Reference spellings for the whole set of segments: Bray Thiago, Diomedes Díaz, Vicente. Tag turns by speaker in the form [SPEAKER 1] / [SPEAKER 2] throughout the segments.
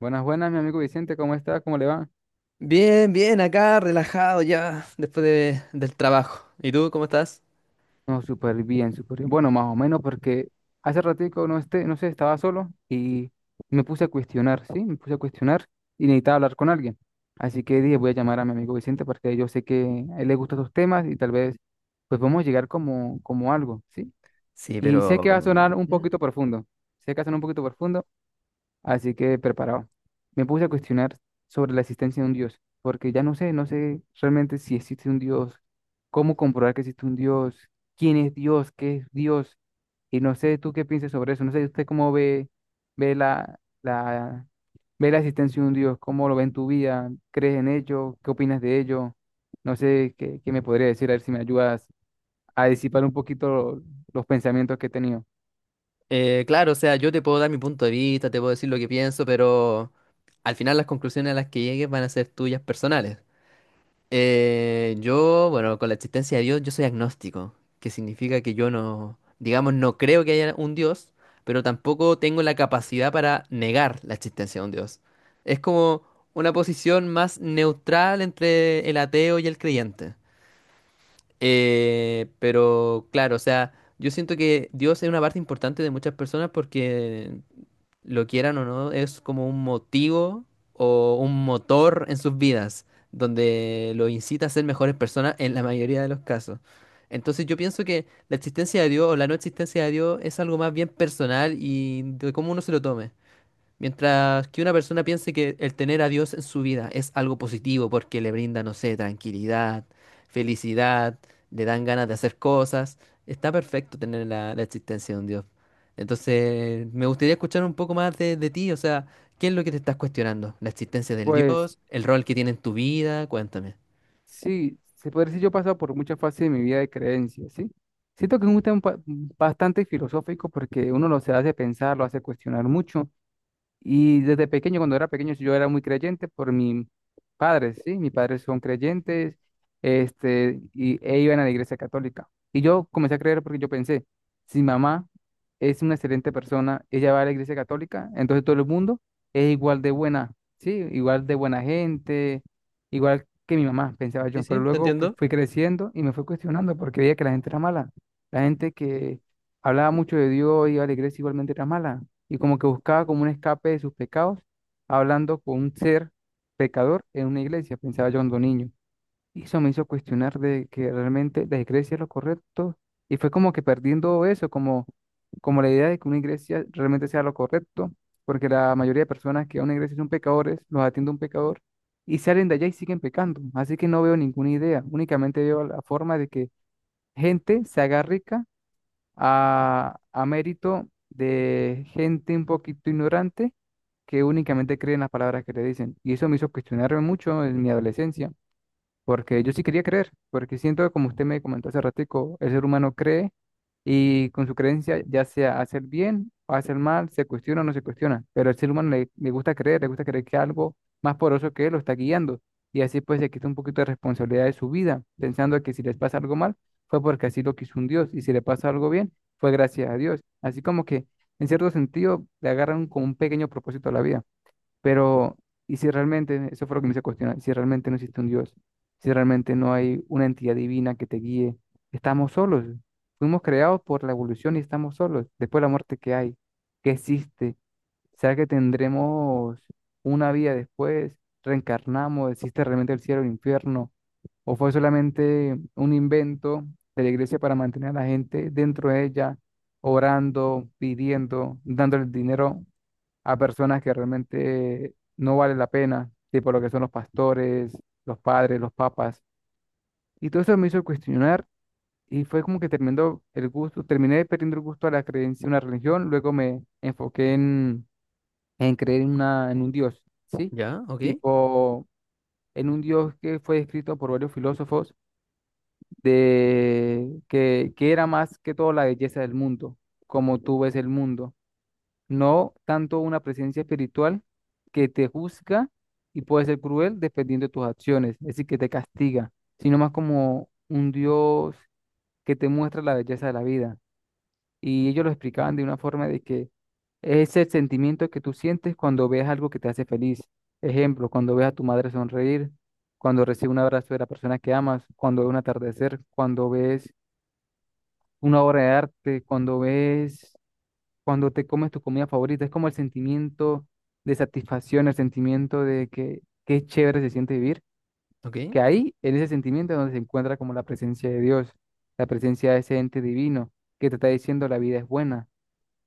[SPEAKER 1] Buenas, buenas, mi amigo Vicente, ¿cómo está? ¿Cómo le va?
[SPEAKER 2] Bien, bien, acá relajado ya del trabajo. ¿Y tú cómo estás?
[SPEAKER 1] No, súper bien, súper bien. Bueno, más o menos porque hace ratico no esté, no sé, estaba solo y me puse a cuestionar, ¿sí? Me puse a cuestionar y necesitaba hablar con alguien. Así que dije, voy a llamar a mi amigo Vicente porque yo sé que a él le gustan estos temas y tal vez pues podemos llegar como, como algo, ¿sí?
[SPEAKER 2] Sí,
[SPEAKER 1] Y sé que
[SPEAKER 2] pero...
[SPEAKER 1] va a sonar un
[SPEAKER 2] mm,
[SPEAKER 1] poquito profundo, sé que va a sonar un poquito profundo. Así que preparado. Me puse a cuestionar sobre la existencia de un Dios, porque ya no sé, no sé realmente si existe un Dios, cómo comprobar que existe un Dios, quién es Dios, qué es Dios, y no sé tú qué piensas sobre eso, no sé usted cómo ve, ve ve la existencia de un Dios, cómo lo ve en tu vida, crees en ello, qué opinas de ello, no sé qué, qué me podría decir, a ver si me ayudas a disipar un poquito los pensamientos que he tenido.
[SPEAKER 2] claro, o sea, yo te puedo dar mi punto de vista, te puedo decir lo que pienso, pero al final las conclusiones a las que llegues van a ser tuyas personales. Bueno, con la existencia de Dios, yo soy agnóstico, que significa que yo no, digamos, no creo que haya un Dios, pero tampoco tengo la capacidad para negar la existencia de un Dios. Es como una posición más neutral entre el ateo y el creyente. Pero claro, o sea, yo siento que Dios es una parte importante de muchas personas porque lo quieran o no, es como un motivo o un motor en sus vidas, donde los incita a ser mejores personas en la mayoría de los casos. Entonces yo pienso que la existencia de Dios o la no existencia de Dios es algo más bien personal y de cómo uno se lo tome. Mientras que una persona piense que el tener a Dios en su vida es algo positivo porque le brinda, no sé, tranquilidad, felicidad, le dan ganas de hacer cosas, está perfecto tener la existencia de un Dios. Entonces, me gustaría escuchar un poco más de ti, o sea, ¿qué es lo que te estás cuestionando? ¿La existencia del
[SPEAKER 1] Pues
[SPEAKER 2] Dios? ¿El rol que tiene en tu vida? Cuéntame.
[SPEAKER 1] sí, se podría decir, yo he pasado por muchas fases de mi vida de creencias, ¿sí? Siento que es un tema bastante filosófico porque uno lo se hace pensar, lo hace cuestionar mucho y desde pequeño, cuando era pequeño, yo era muy creyente por mis padres, ¿sí? Mis padres son creyentes, e iban a la iglesia católica. Y yo comencé a creer porque yo pensé, si mi mamá es una excelente persona, ella va a la iglesia católica, entonces todo el mundo es igual de buena, ¿sí? Igual de buena gente, igual que mi mamá, pensaba
[SPEAKER 2] Sí,
[SPEAKER 1] yo. Pero
[SPEAKER 2] sí, te
[SPEAKER 1] luego que
[SPEAKER 2] entiendo.
[SPEAKER 1] fui creciendo y me fui cuestionando porque veía que la gente era mala. La gente que hablaba mucho de Dios, iba a la iglesia, igualmente era mala y como que buscaba como un escape de sus pecados, hablando con un ser pecador en una iglesia, pensaba yo cuando niño. Y eso me hizo cuestionar de que realmente la iglesia es lo correcto y fue como que perdiendo eso, como, como la idea de que una iglesia realmente sea lo correcto, porque la mayoría de personas que van a una iglesia son pecadores, los atiende un pecador y salen de allá y siguen pecando. Así que no veo ninguna idea, únicamente veo la forma de que gente se haga rica a mérito de gente un poquito ignorante que únicamente cree en las palabras que le dicen. Y eso me hizo cuestionarme mucho en mi adolescencia. Porque yo sí quería creer, porque siento que como usted me comentó hace ratico, el ser humano cree y con su creencia, ya sea hacer bien o hacer mal, se cuestiona o no se cuestiona, pero al ser humano le gusta creer que algo más poderoso que él lo está guiando y así pues se quita un poquito de responsabilidad de su vida, pensando que si les pasa algo mal fue porque así lo quiso un Dios y si le pasa algo bien fue gracias a Dios. Así como que en cierto sentido le agarran como un pequeño propósito a la vida. Pero, ¿y si realmente, eso fue lo que me hizo cuestionar, si realmente no existe un Dios, si realmente no hay una entidad divina que te guíe, estamos solos, fuimos creados por la evolución y estamos solos, después de la muerte que hay, que existe, será que tendremos una vida después, reencarnamos, existe realmente el cielo o el infierno, o fue solamente un invento de la iglesia para mantener a la gente dentro de ella, orando, pidiendo, dándole dinero a personas que realmente no vale la pena, tipo lo que son los pastores, los padres, los papas? Y todo eso me hizo cuestionar y fue como que terminó el gusto, terminé perdiendo el gusto a la creencia en una religión, luego me enfoqué en creer en un Dios, ¿sí?
[SPEAKER 2] Ya, ok,
[SPEAKER 1] Tipo, en un Dios que fue descrito por varios filósofos de que era más que todo la belleza del mundo, como tú ves el mundo, no tanto una presencia espiritual que te juzga y puede ser cruel dependiendo de tus acciones, es decir, que te castiga, sino más como un Dios que te muestra la belleza de la vida. Y ellos lo explicaban de una forma de que es el sentimiento que tú sientes cuando ves algo que te hace feliz. Ejemplo, cuando ves a tu madre sonreír, cuando recibes un abrazo de la persona que amas, cuando ves un atardecer, cuando ves una obra de arte, cuando ves cuando te comes tu comida favorita. Es como el sentimiento de satisfacción, el sentimiento de que qué chévere se siente vivir,
[SPEAKER 2] ok.
[SPEAKER 1] que ahí, en ese sentimiento, es donde se encuentra como la presencia de Dios, la presencia de ese ente divino que te está diciendo la vida es buena,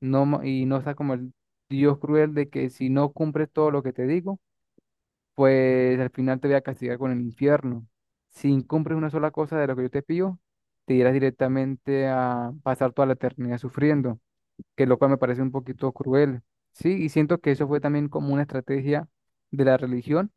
[SPEAKER 1] y no está como el Dios cruel de que si no cumples todo lo que te digo, pues al final te voy a castigar con el infierno. Si incumples una sola cosa de lo que yo te pido, te irás directamente a pasar toda la eternidad sufriendo, que lo cual me parece un poquito cruel, ¿sí? Y siento que eso fue también como una estrategia de la religión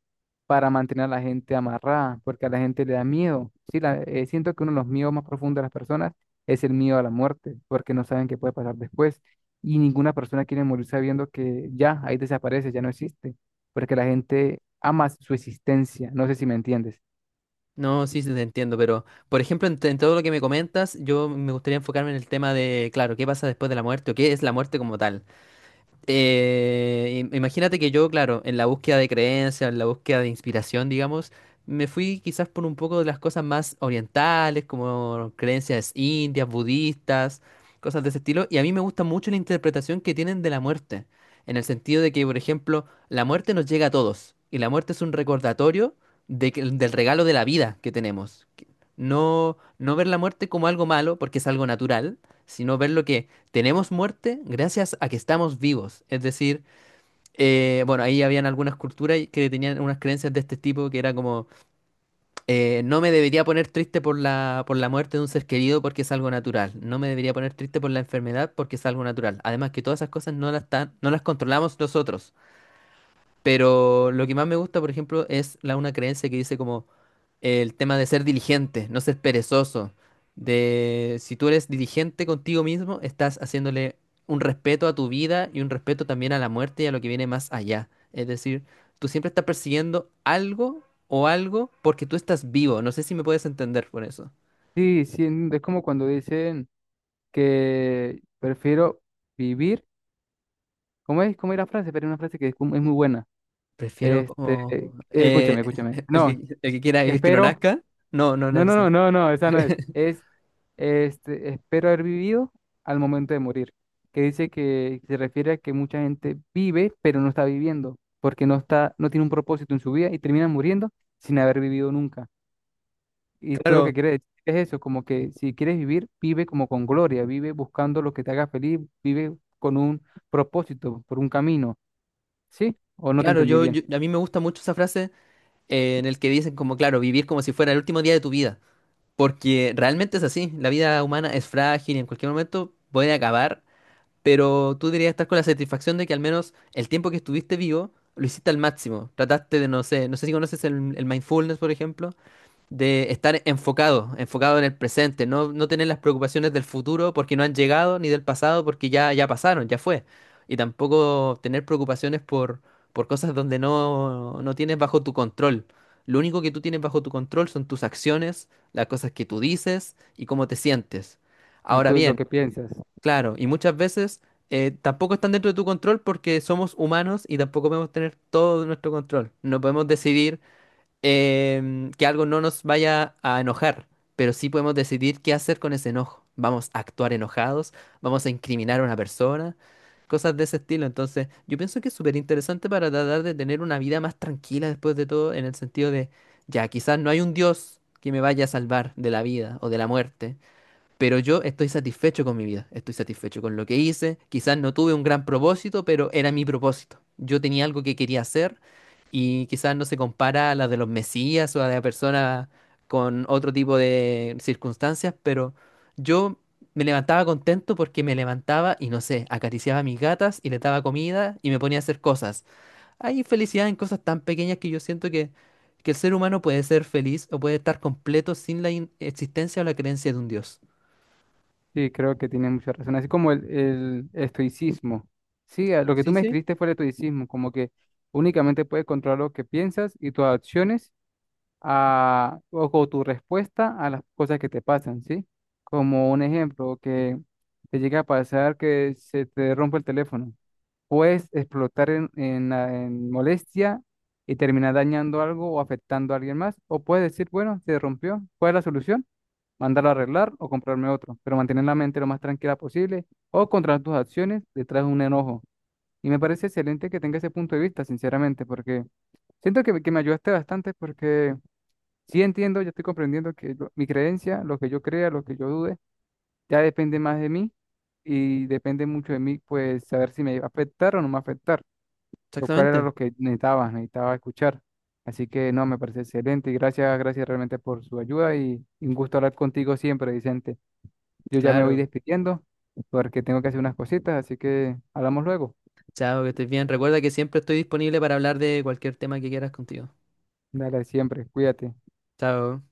[SPEAKER 1] para mantener a la gente amarrada, porque a la gente le da miedo, ¿sí? Siento que uno de los miedos más profundos de las personas es el miedo a la muerte, porque no saben qué puede pasar después, y ninguna persona quiere morir sabiendo que ya, ahí desaparece, ya no existe, porque la gente ama su existencia, no sé si me entiendes.
[SPEAKER 2] No, sí, sí, te entiendo, pero por ejemplo, en todo lo que me comentas, yo me gustaría enfocarme en el tema de, claro, qué pasa después de la muerte o qué es la muerte como tal. Imagínate que yo, claro, en la búsqueda de creencias, en la búsqueda de inspiración, digamos, me fui quizás por un poco de las cosas más orientales, como creencias indias, budistas, cosas de ese estilo, y a mí me gusta mucho la interpretación que tienen de la muerte, en el sentido de que, por ejemplo, la muerte nos llega a todos, y la muerte es un recordatorio del regalo de la vida que tenemos. No, no ver la muerte como algo malo, porque es algo natural, sino verlo que tenemos muerte gracias a que estamos vivos. Es decir, bueno, ahí habían algunas culturas que tenían unas creencias de este tipo que era como, no me debería poner triste por por la muerte de un ser querido porque es algo natural. No me debería poner triste por la enfermedad porque es algo natural. Además que todas esas cosas no las controlamos nosotros. Pero lo que más me gusta, por ejemplo, una creencia que dice como el tema de ser diligente, no ser perezoso. De si tú eres diligente contigo mismo, estás haciéndole un respeto a tu vida y un respeto también a la muerte y a lo que viene más allá. Es decir, tú siempre estás persiguiendo algo o algo porque tú estás vivo. No sé si me puedes entender por eso.
[SPEAKER 1] Sí, sí, es como cuando dicen que prefiero vivir, ¿cómo es? ¿Cómo es la frase? Pero es una frase que es es muy buena.
[SPEAKER 2] Prefiero como
[SPEAKER 1] Escúchame, escúchame. No,
[SPEAKER 2] el que quiera vivir que no
[SPEAKER 1] espero.
[SPEAKER 2] nazca. No, no, no
[SPEAKER 1] No,
[SPEAKER 2] es
[SPEAKER 1] no,
[SPEAKER 2] así.
[SPEAKER 1] no, no, no, esa no es. Es, este, Espero haber vivido al momento de morir. Que dice que se refiere a que mucha gente vive, pero no está viviendo, porque no está, no tiene un propósito en su vida y termina muriendo sin haber vivido nunca. Y tú lo
[SPEAKER 2] Claro,
[SPEAKER 1] que quieres decir es eso, como que si quieres vivir, vive como con gloria, vive buscando lo que te haga feliz, vive con un propósito, por un camino, ¿sí? ¿O no te
[SPEAKER 2] claro,
[SPEAKER 1] entendí bien?
[SPEAKER 2] a mí me gusta mucho esa frase en el que dicen como, claro, vivir como si fuera el último día de tu vida. Porque realmente es así, la vida humana es frágil y en cualquier momento puede acabar, pero tú deberías estar con la satisfacción de que al menos el tiempo que estuviste vivo lo hiciste al máximo. Trataste de, no sé, no sé si conoces el mindfulness, por ejemplo de estar enfocado, enfocado en el presente, no, no tener las preocupaciones del futuro porque no han llegado, ni del pasado porque ya, ya pasaron, ya fue. Y tampoco tener preocupaciones por cosas donde no, no tienes bajo tu control. Lo único que tú tienes bajo tu control son tus acciones, las cosas que tú dices y cómo te sientes.
[SPEAKER 1] Y
[SPEAKER 2] Ahora
[SPEAKER 1] tú lo
[SPEAKER 2] bien,
[SPEAKER 1] que piensas.
[SPEAKER 2] claro, y muchas veces tampoco están dentro de tu control porque somos humanos y tampoco podemos tener todo nuestro control. No podemos decidir que algo no nos vaya a enojar, pero sí podemos decidir qué hacer con ese enojo. Vamos a actuar enojados, vamos a incriminar a una persona, cosas de ese estilo. Entonces, yo pienso que es súper interesante para tratar de tener una vida más tranquila después de todo, en el sentido de, ya, quizás no hay un Dios que me vaya a salvar de la vida o de la muerte, pero yo estoy satisfecho con mi vida, estoy satisfecho con lo que hice. Quizás no tuve un gran propósito, pero era mi propósito. Yo tenía algo que quería hacer y quizás no se compara a la de los mesías o a la de personas con otro tipo de circunstancias, pero yo me levantaba contento porque me levantaba y no sé, acariciaba a mis gatas y les daba comida y me ponía a hacer cosas. Hay felicidad en cosas tan pequeñas que yo siento que el ser humano puede ser feliz o puede estar completo sin existencia o la creencia de un Dios.
[SPEAKER 1] Sí, creo que tiene mucha razón. Así como el estoicismo. Sí, a lo que tú
[SPEAKER 2] Sí,
[SPEAKER 1] me
[SPEAKER 2] sí,
[SPEAKER 1] escribiste fue el estoicismo, como que únicamente puedes controlar lo que piensas y tus acciones o tu respuesta a las cosas que te pasan, ¿sí? Como un ejemplo, que te llega a pasar que se te rompe el teléfono. Puedes explotar en molestia y terminar dañando algo o afectando a alguien más. O puedes decir, bueno, se rompió, ¿cuál es la solución? Mandarlo a arreglar o comprarme otro, pero mantener la mente lo más tranquila posible o controlar tus acciones detrás de un enojo. Y me parece excelente que tenga ese punto de vista, sinceramente, porque siento que me ayudaste bastante porque sí entiendo, yo estoy comprendiendo que mi creencia, lo que yo crea, lo que yo dude, ya depende más de mí y depende mucho de mí, pues saber si me va a afectar o no me va a afectar, lo cual era
[SPEAKER 2] exactamente.
[SPEAKER 1] lo que necesitaba, necesitaba escuchar. Así que no, me parece excelente y gracias, gracias realmente por su ayuda y un gusto hablar contigo siempre, Vicente. Yo ya me voy
[SPEAKER 2] Claro.
[SPEAKER 1] despidiendo porque tengo que hacer unas cositas, así que hablamos luego.
[SPEAKER 2] Chao, que estés bien. Recuerda que siempre estoy disponible para hablar de cualquier tema que quieras contigo.
[SPEAKER 1] Dale, siempre, cuídate.
[SPEAKER 2] Chao.